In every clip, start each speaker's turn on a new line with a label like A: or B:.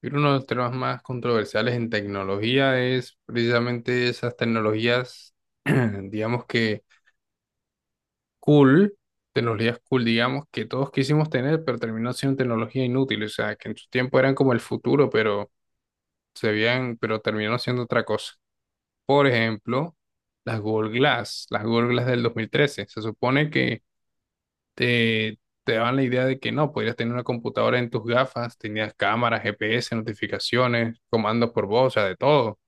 A: Creo que uno de los temas más controversiales en tecnología es precisamente esas tecnologías, digamos que cool, tecnologías cool, digamos, que todos quisimos tener, pero terminó siendo tecnología inútil, o sea, que en su tiempo eran como el futuro, pero se veían, pero terminó siendo otra cosa. Por ejemplo, las Google Glass del 2013. Se supone que te daban la idea de que no, podías tener una computadora en tus gafas, tenías cámaras, GPS, notificaciones, comandos por voz, o sea, de todo.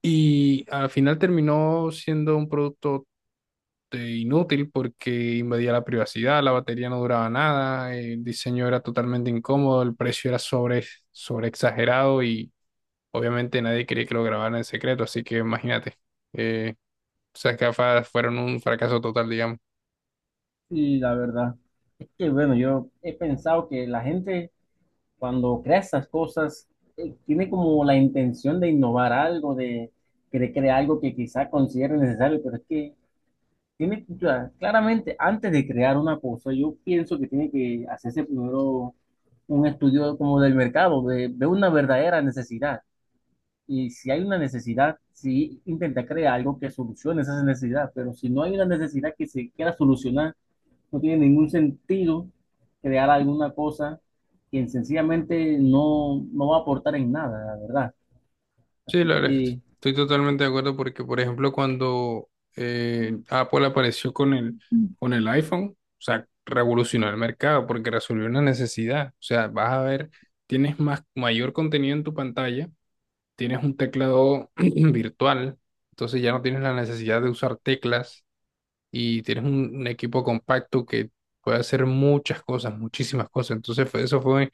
A: Y al final terminó siendo un producto inútil porque invadía la privacidad, la batería no duraba nada, el diseño era totalmente incómodo, el precio era sobre exagerado y obviamente nadie quería que lo grabaran en secreto, así que imagínate, eh, esas gafas fueron un fracaso total, digamos.
B: Sí, la verdad. Es que bueno, yo he pensado que la gente cuando crea estas cosas tiene como la intención de innovar algo, de crear algo que quizá considere necesario, pero es que tiene que, claramente antes de crear una cosa, yo pienso que tiene que hacerse primero un estudio como del mercado, de una verdadera necesidad. Y si hay una necesidad, sí intenta crear algo que solucione esa necesidad, pero si no hay una necesidad que se quiera solucionar, no tiene ningún sentido crear alguna cosa que sencillamente no va a aportar en nada, la verdad.
A: Sí, la verdad es que
B: Y,
A: estoy totalmente de acuerdo porque, por ejemplo, cuando Apple apareció con con el iPhone, o sea, revolucionó el mercado porque resolvió una necesidad. O sea, vas a ver, tienes más, mayor contenido en tu pantalla, tienes un teclado virtual, entonces ya no tienes la necesidad de usar teclas y tienes un equipo compacto que puede hacer muchas cosas, muchísimas cosas. Entonces, eso fue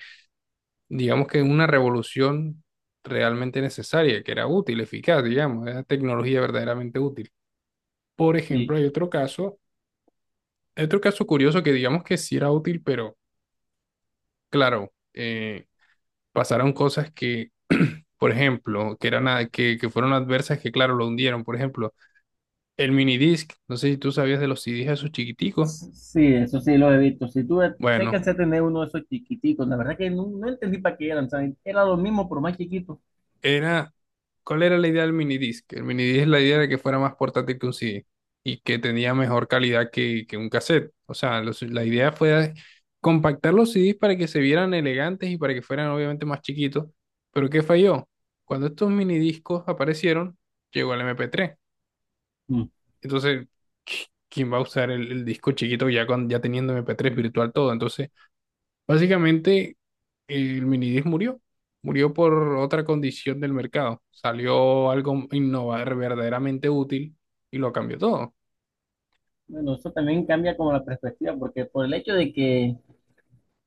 A: digamos que una revolución realmente necesaria, que era útil, eficaz, digamos, era tecnología verdaderamente útil. Por ejemplo,
B: sí.
A: hay otro caso curioso que digamos que sí era útil, pero claro, pasaron cosas por ejemplo, que que fueron adversas, que claro, lo hundieron. Por ejemplo, el minidisc, no sé si tú sabías de los CDs esos chiquiticos.
B: Sí, eso sí lo he visto. Si tú sé que
A: Bueno,
B: alcancé a tener uno de esos chiquiticos, la verdad que no entendí para qué eran, ¿sabes? Era lo mismo, pero más chiquito.
A: era, ¿cuál era la idea del minidisc? El minidisc, la idea era que fuera más portátil que un CD y que tenía mejor calidad que un cassette. O sea, la idea fue compactar los CDs para que se vieran elegantes y para que fueran obviamente más chiquitos. Pero ¿qué falló? Cuando estos minidiscos aparecieron, llegó el MP3.
B: Mm.
A: Entonces, ¿quién va a usar el disco chiquito ya, con, ya teniendo MP3 virtual todo? Entonces, básicamente, el Minidisc murió. Murió por otra condición del mercado. Salió algo innovar verdaderamente útil y lo cambió todo.
B: Bueno, eso también cambia como la perspectiva, porque por el hecho de que,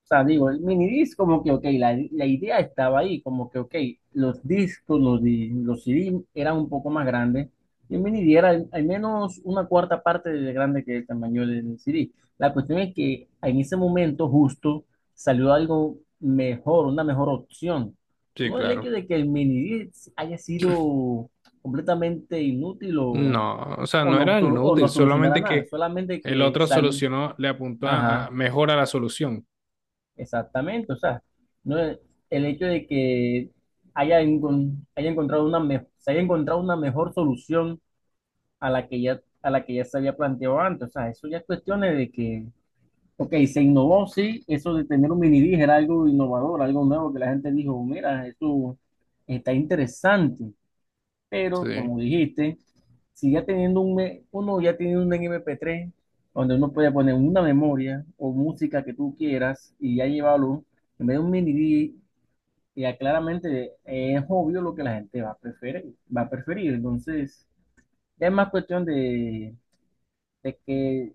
B: o sea, digo, el minidisc como que, ok, la idea estaba ahí, como que, ok, los discos, los C d eran un poco más grandes, y el minidisc era al menos una cuarta parte de grande que el tamaño del c d. La cuestión es que en ese momento justo salió algo mejor, una mejor opción.
A: Sí,
B: No el
A: claro.
B: hecho de que el minidisc haya sido completamente inútil
A: No, o sea, no era
B: o
A: inútil,
B: no solucionara
A: solamente
B: nada,
A: que
B: solamente
A: el
B: que
A: otro
B: salió.
A: solucionó, le apuntó a mejora la solución.
B: Exactamente, o sea, no es- el hecho de que haya encontrado se haya encontrado una mejor solución a la que ya, a la que ya se había planteado antes, o sea, eso ya es cuestiones de que, ok, se innovó, sí, eso de tener un mini dig era algo innovador, algo nuevo que la gente dijo, mira, eso está interesante,
A: Sí,
B: pero, como dijiste, si ya teniendo uno ya tiene un MP3 donde uno puede poner una memoria o música que tú quieras y ya llevarlo, en vez de un mini disc, ya claramente es obvio lo que la gente va a preferir, va a preferir. Entonces, ya es más cuestión de que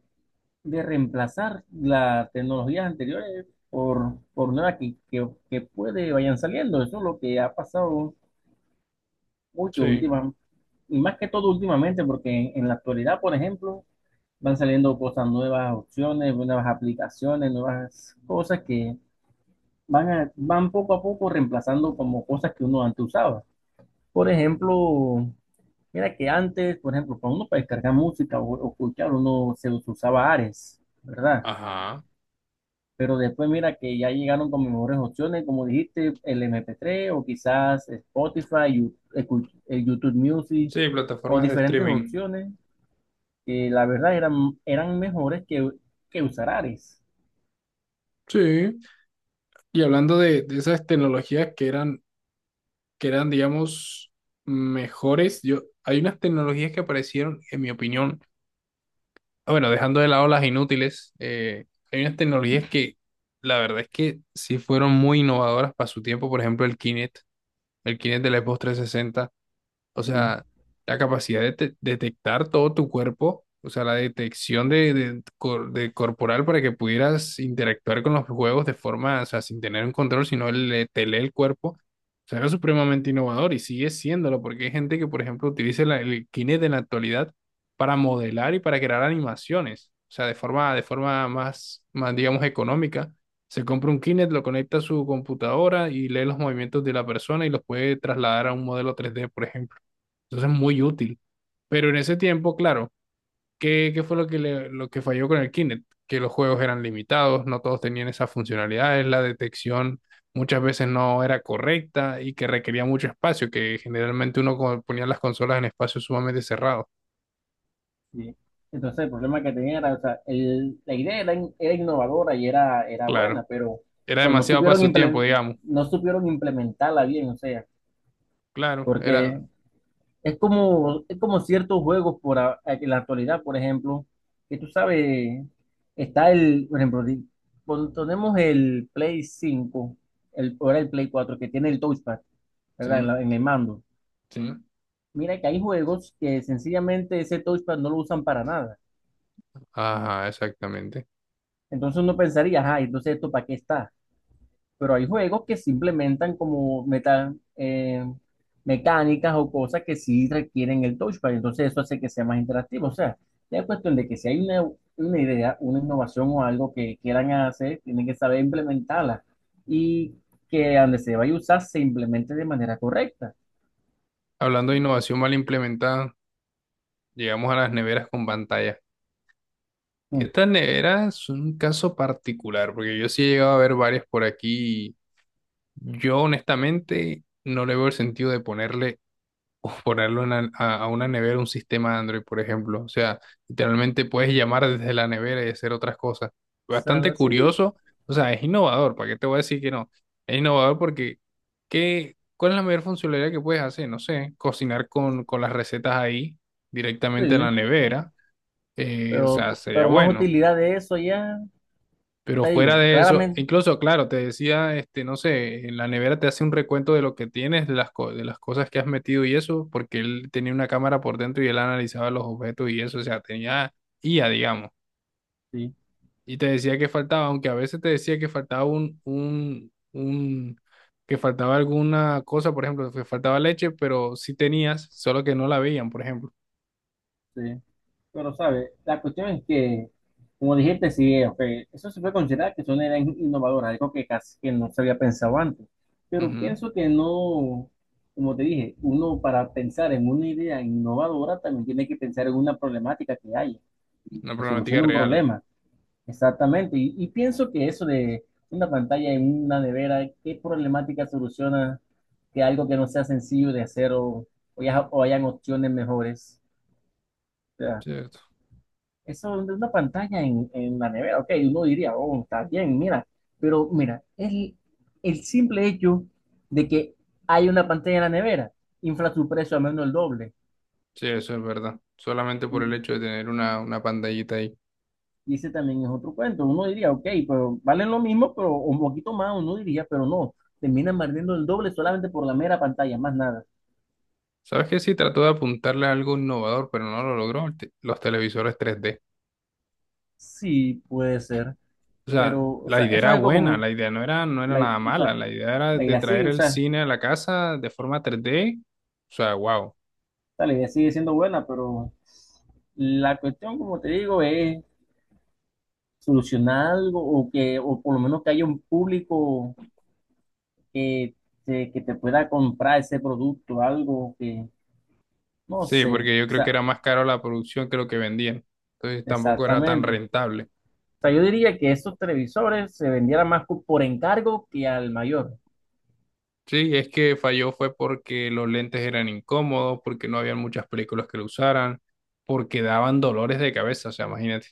B: de reemplazar las tecnologías anteriores por nuevas que puede vayan saliendo. Eso es lo que ha pasado. Uy, que
A: sí,
B: última, y más que todo últimamente, porque en la actualidad, por ejemplo, van saliendo cosas nuevas, opciones, nuevas aplicaciones, nuevas cosas que van, van poco a poco reemplazando como cosas que uno antes usaba. Por ejemplo, mira que antes, por ejemplo, para uno para descargar música o escuchar, uno se usaba Ares, ¿verdad?
A: ajá.
B: Pero después mira que ya llegaron con mejores opciones, como dijiste, el mp tres o quizás Spotify, YouTube Music
A: Sí,
B: o
A: plataformas de
B: diferentes
A: streaming.
B: opciones que la verdad eran, eran mejores que usar Ares.
A: Sí. Y hablando de esas tecnologías que eran, digamos, mejores, yo, hay unas tecnologías que aparecieron, en mi opinión, bueno, dejando de lado las inútiles, hay unas tecnologías que la verdad es que sí fueron muy innovadoras para su tiempo. Por ejemplo, el Kinect del Xbox 360. O
B: Sí,
A: sea, la capacidad de detectar todo tu cuerpo, o sea, la detección de, de corporal para que pudieras interactuar con los juegos de forma, o sea, sin tener un control, sino le, te lee el cuerpo. O sea, era supremamente innovador y sigue siéndolo, porque hay gente que, por ejemplo, utiliza el Kinect en la actualidad para modelar y para crear animaciones. O sea, de forma más, más, digamos, económica. Se compra un Kinect, lo conecta a su computadora y lee los movimientos de la persona y los puede trasladar a un modelo 3D, por ejemplo. Entonces es muy útil. Pero en ese tiempo, claro, ¿qué, qué fue lo que, lo que falló con el Kinect? Que los juegos eran limitados, no todos tenían esas funcionalidades, la detección muchas veces no era correcta y que requería mucho espacio, que generalmente uno ponía las consolas en espacios sumamente cerrados.
B: sí. Entonces el problema que tenía era, o sea, la idea era, era innovadora y era, era
A: Claro,
B: buena,
A: era
B: pero no
A: demasiado para
B: supieron
A: su tiempo, digamos.
B: no supieron implementarla bien, o sea,
A: Claro, era...
B: porque es como, es como ciertos juegos en la actualidad, por ejemplo, que tú sabes, está el, por ejemplo, cuando tenemos el Play cinco, el, ahora el Play 4 que tiene el touchpad,
A: Sí,
B: ¿verdad? En, en el mando.
A: sí.
B: Mira que hay juegos que sencillamente ese touchpad no lo usan para nada.
A: Ajá, exactamente.
B: Entonces uno pensaría, ajá, entonces esto para qué está. Pero hay juegos que se implementan como meta, mecánicas o cosas que sí requieren el touchpad, entonces eso hace que sea más interactivo. O sea, ya es cuestión de que si hay una idea, una innovación o algo que quieran hacer, tienen que saber implementarla y que donde se vaya a usar se implemente de manera correcta.
A: Hablando de innovación mal implementada, llegamos a las neveras con pantalla.
B: Mm. O
A: Esta nevera es un caso particular, porque yo sí he llegado a ver varias por aquí. Yo honestamente no le veo el sentido de ponerle o ponerlo en a una nevera un sistema Android, por ejemplo. O sea, literalmente puedes llamar desde la nevera y hacer otras cosas.
B: sea,
A: Bastante
B: la- sí,
A: curioso, o sea, es innovador, ¿para qué te voy a decir que no? Es innovador porque ¿cuál es la mayor funcionalidad que puedes hacer? No sé, cocinar con las recetas ahí directamente en la
B: sí,
A: nevera. O sea, sería
B: pero más
A: bueno.
B: utilidad de eso ya,
A: Pero
B: te
A: fuera
B: digo,
A: de eso,
B: claramente.
A: incluso, claro, te decía, este, no sé, en la nevera te hace un recuento de lo que tienes, de las, de las cosas que has metido y eso, porque él tenía una cámara por dentro y él analizaba los objetos y eso, o sea, tenía IA, digamos.
B: Sí,
A: Y te decía que faltaba, aunque a veces te decía que faltaba un, que faltaba alguna cosa, por ejemplo, que faltaba leche, pero sí tenías, solo que no la veían, por ejemplo.
B: sí. Pero, ¿sabes? La cuestión es que, como dijiste, sí, ok, eso se puede considerar que son ideas innovadoras, algo que casi que no se había pensado antes. Pero
A: Ujú.
B: pienso que no, como te dije, uno para pensar en una idea innovadora también tiene que pensar en una problemática que hay,
A: Una
B: que
A: problemática
B: solucione un
A: real,
B: problema. Exactamente. Y pienso que eso de una pantalla en una nevera, ¿qué problemática soluciona que algo que no sea sencillo de hacer o, o hayan opciones mejores? O sea,
A: ¿cierto?
B: eso de una pantalla en la nevera, ok, uno diría, oh, está bien, mira, pero mira, el simple hecho de que hay una pantalla en la nevera infla su precio a menos el doble.
A: Sí, eso es verdad. Solamente por el hecho de tener una pantallita ahí.
B: Y ese también es otro cuento. Uno diría, ok, pero valen lo mismo, pero un poquito más, uno diría, pero no, terminan perdiendo el doble solamente por la mera pantalla, más nada.
A: ¿Sabes qué? Sí, trató de apuntarle a algo innovador, pero no lo logró, el los televisores 3D.
B: Sí, puede ser,
A: O sea,
B: pero, o
A: la
B: sea, eso
A: idea
B: es
A: era
B: algo
A: buena,
B: como,
A: la idea no era, no era
B: la,
A: nada
B: o
A: mala,
B: sea,
A: la idea era
B: la
A: de
B: idea
A: traer
B: sigue, o
A: el
B: sea,
A: cine a la casa de forma 3D. O sea, wow.
B: la idea sigue siendo buena, pero la cuestión, como te digo, es solucionar algo o que, o por lo menos que haya un público que que te pueda comprar ese producto, algo que, no
A: Sí,
B: sé,
A: porque yo
B: o
A: creo que
B: sea,
A: era más caro la producción que lo que vendían. Entonces tampoco era tan
B: exactamente. O
A: rentable.
B: sea, yo diría que esos televisores se vendieran más por encargo que al mayor.
A: Sí, es que falló fue porque los lentes eran incómodos, porque no habían muchas películas que lo usaran, porque daban dolores de cabeza, o sea, imagínate.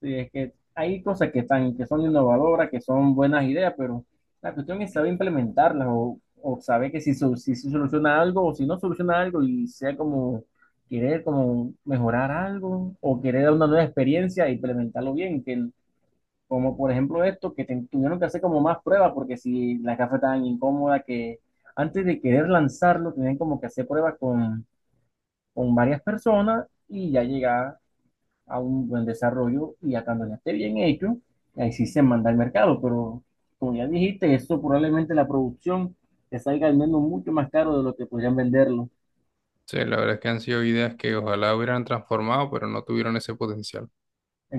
B: Sí, es que hay cosas que están, que son innovadoras, que son buenas ideas, pero la cuestión es saber implementarlas o saber que si, su si se soluciona algo o si no soluciona algo y sea como querer como mejorar algo o querer dar una nueva experiencia e implementarlo bien, como por ejemplo esto, tuvieron que hacer como más pruebas porque si la caja tan incómoda que antes de querer lanzarlo, tenían como que hacer pruebas con varias personas y ya llegar a un buen desarrollo y a cuando ya esté bien hecho, ahí sí se manda al mercado, pero como ya dijiste, eso probablemente la producción te salga al menos mucho más caro de lo que podrían venderlo en
A: Sí, la verdad es que han sido ideas que ojalá hubieran transformado, pero no tuvieron ese potencial.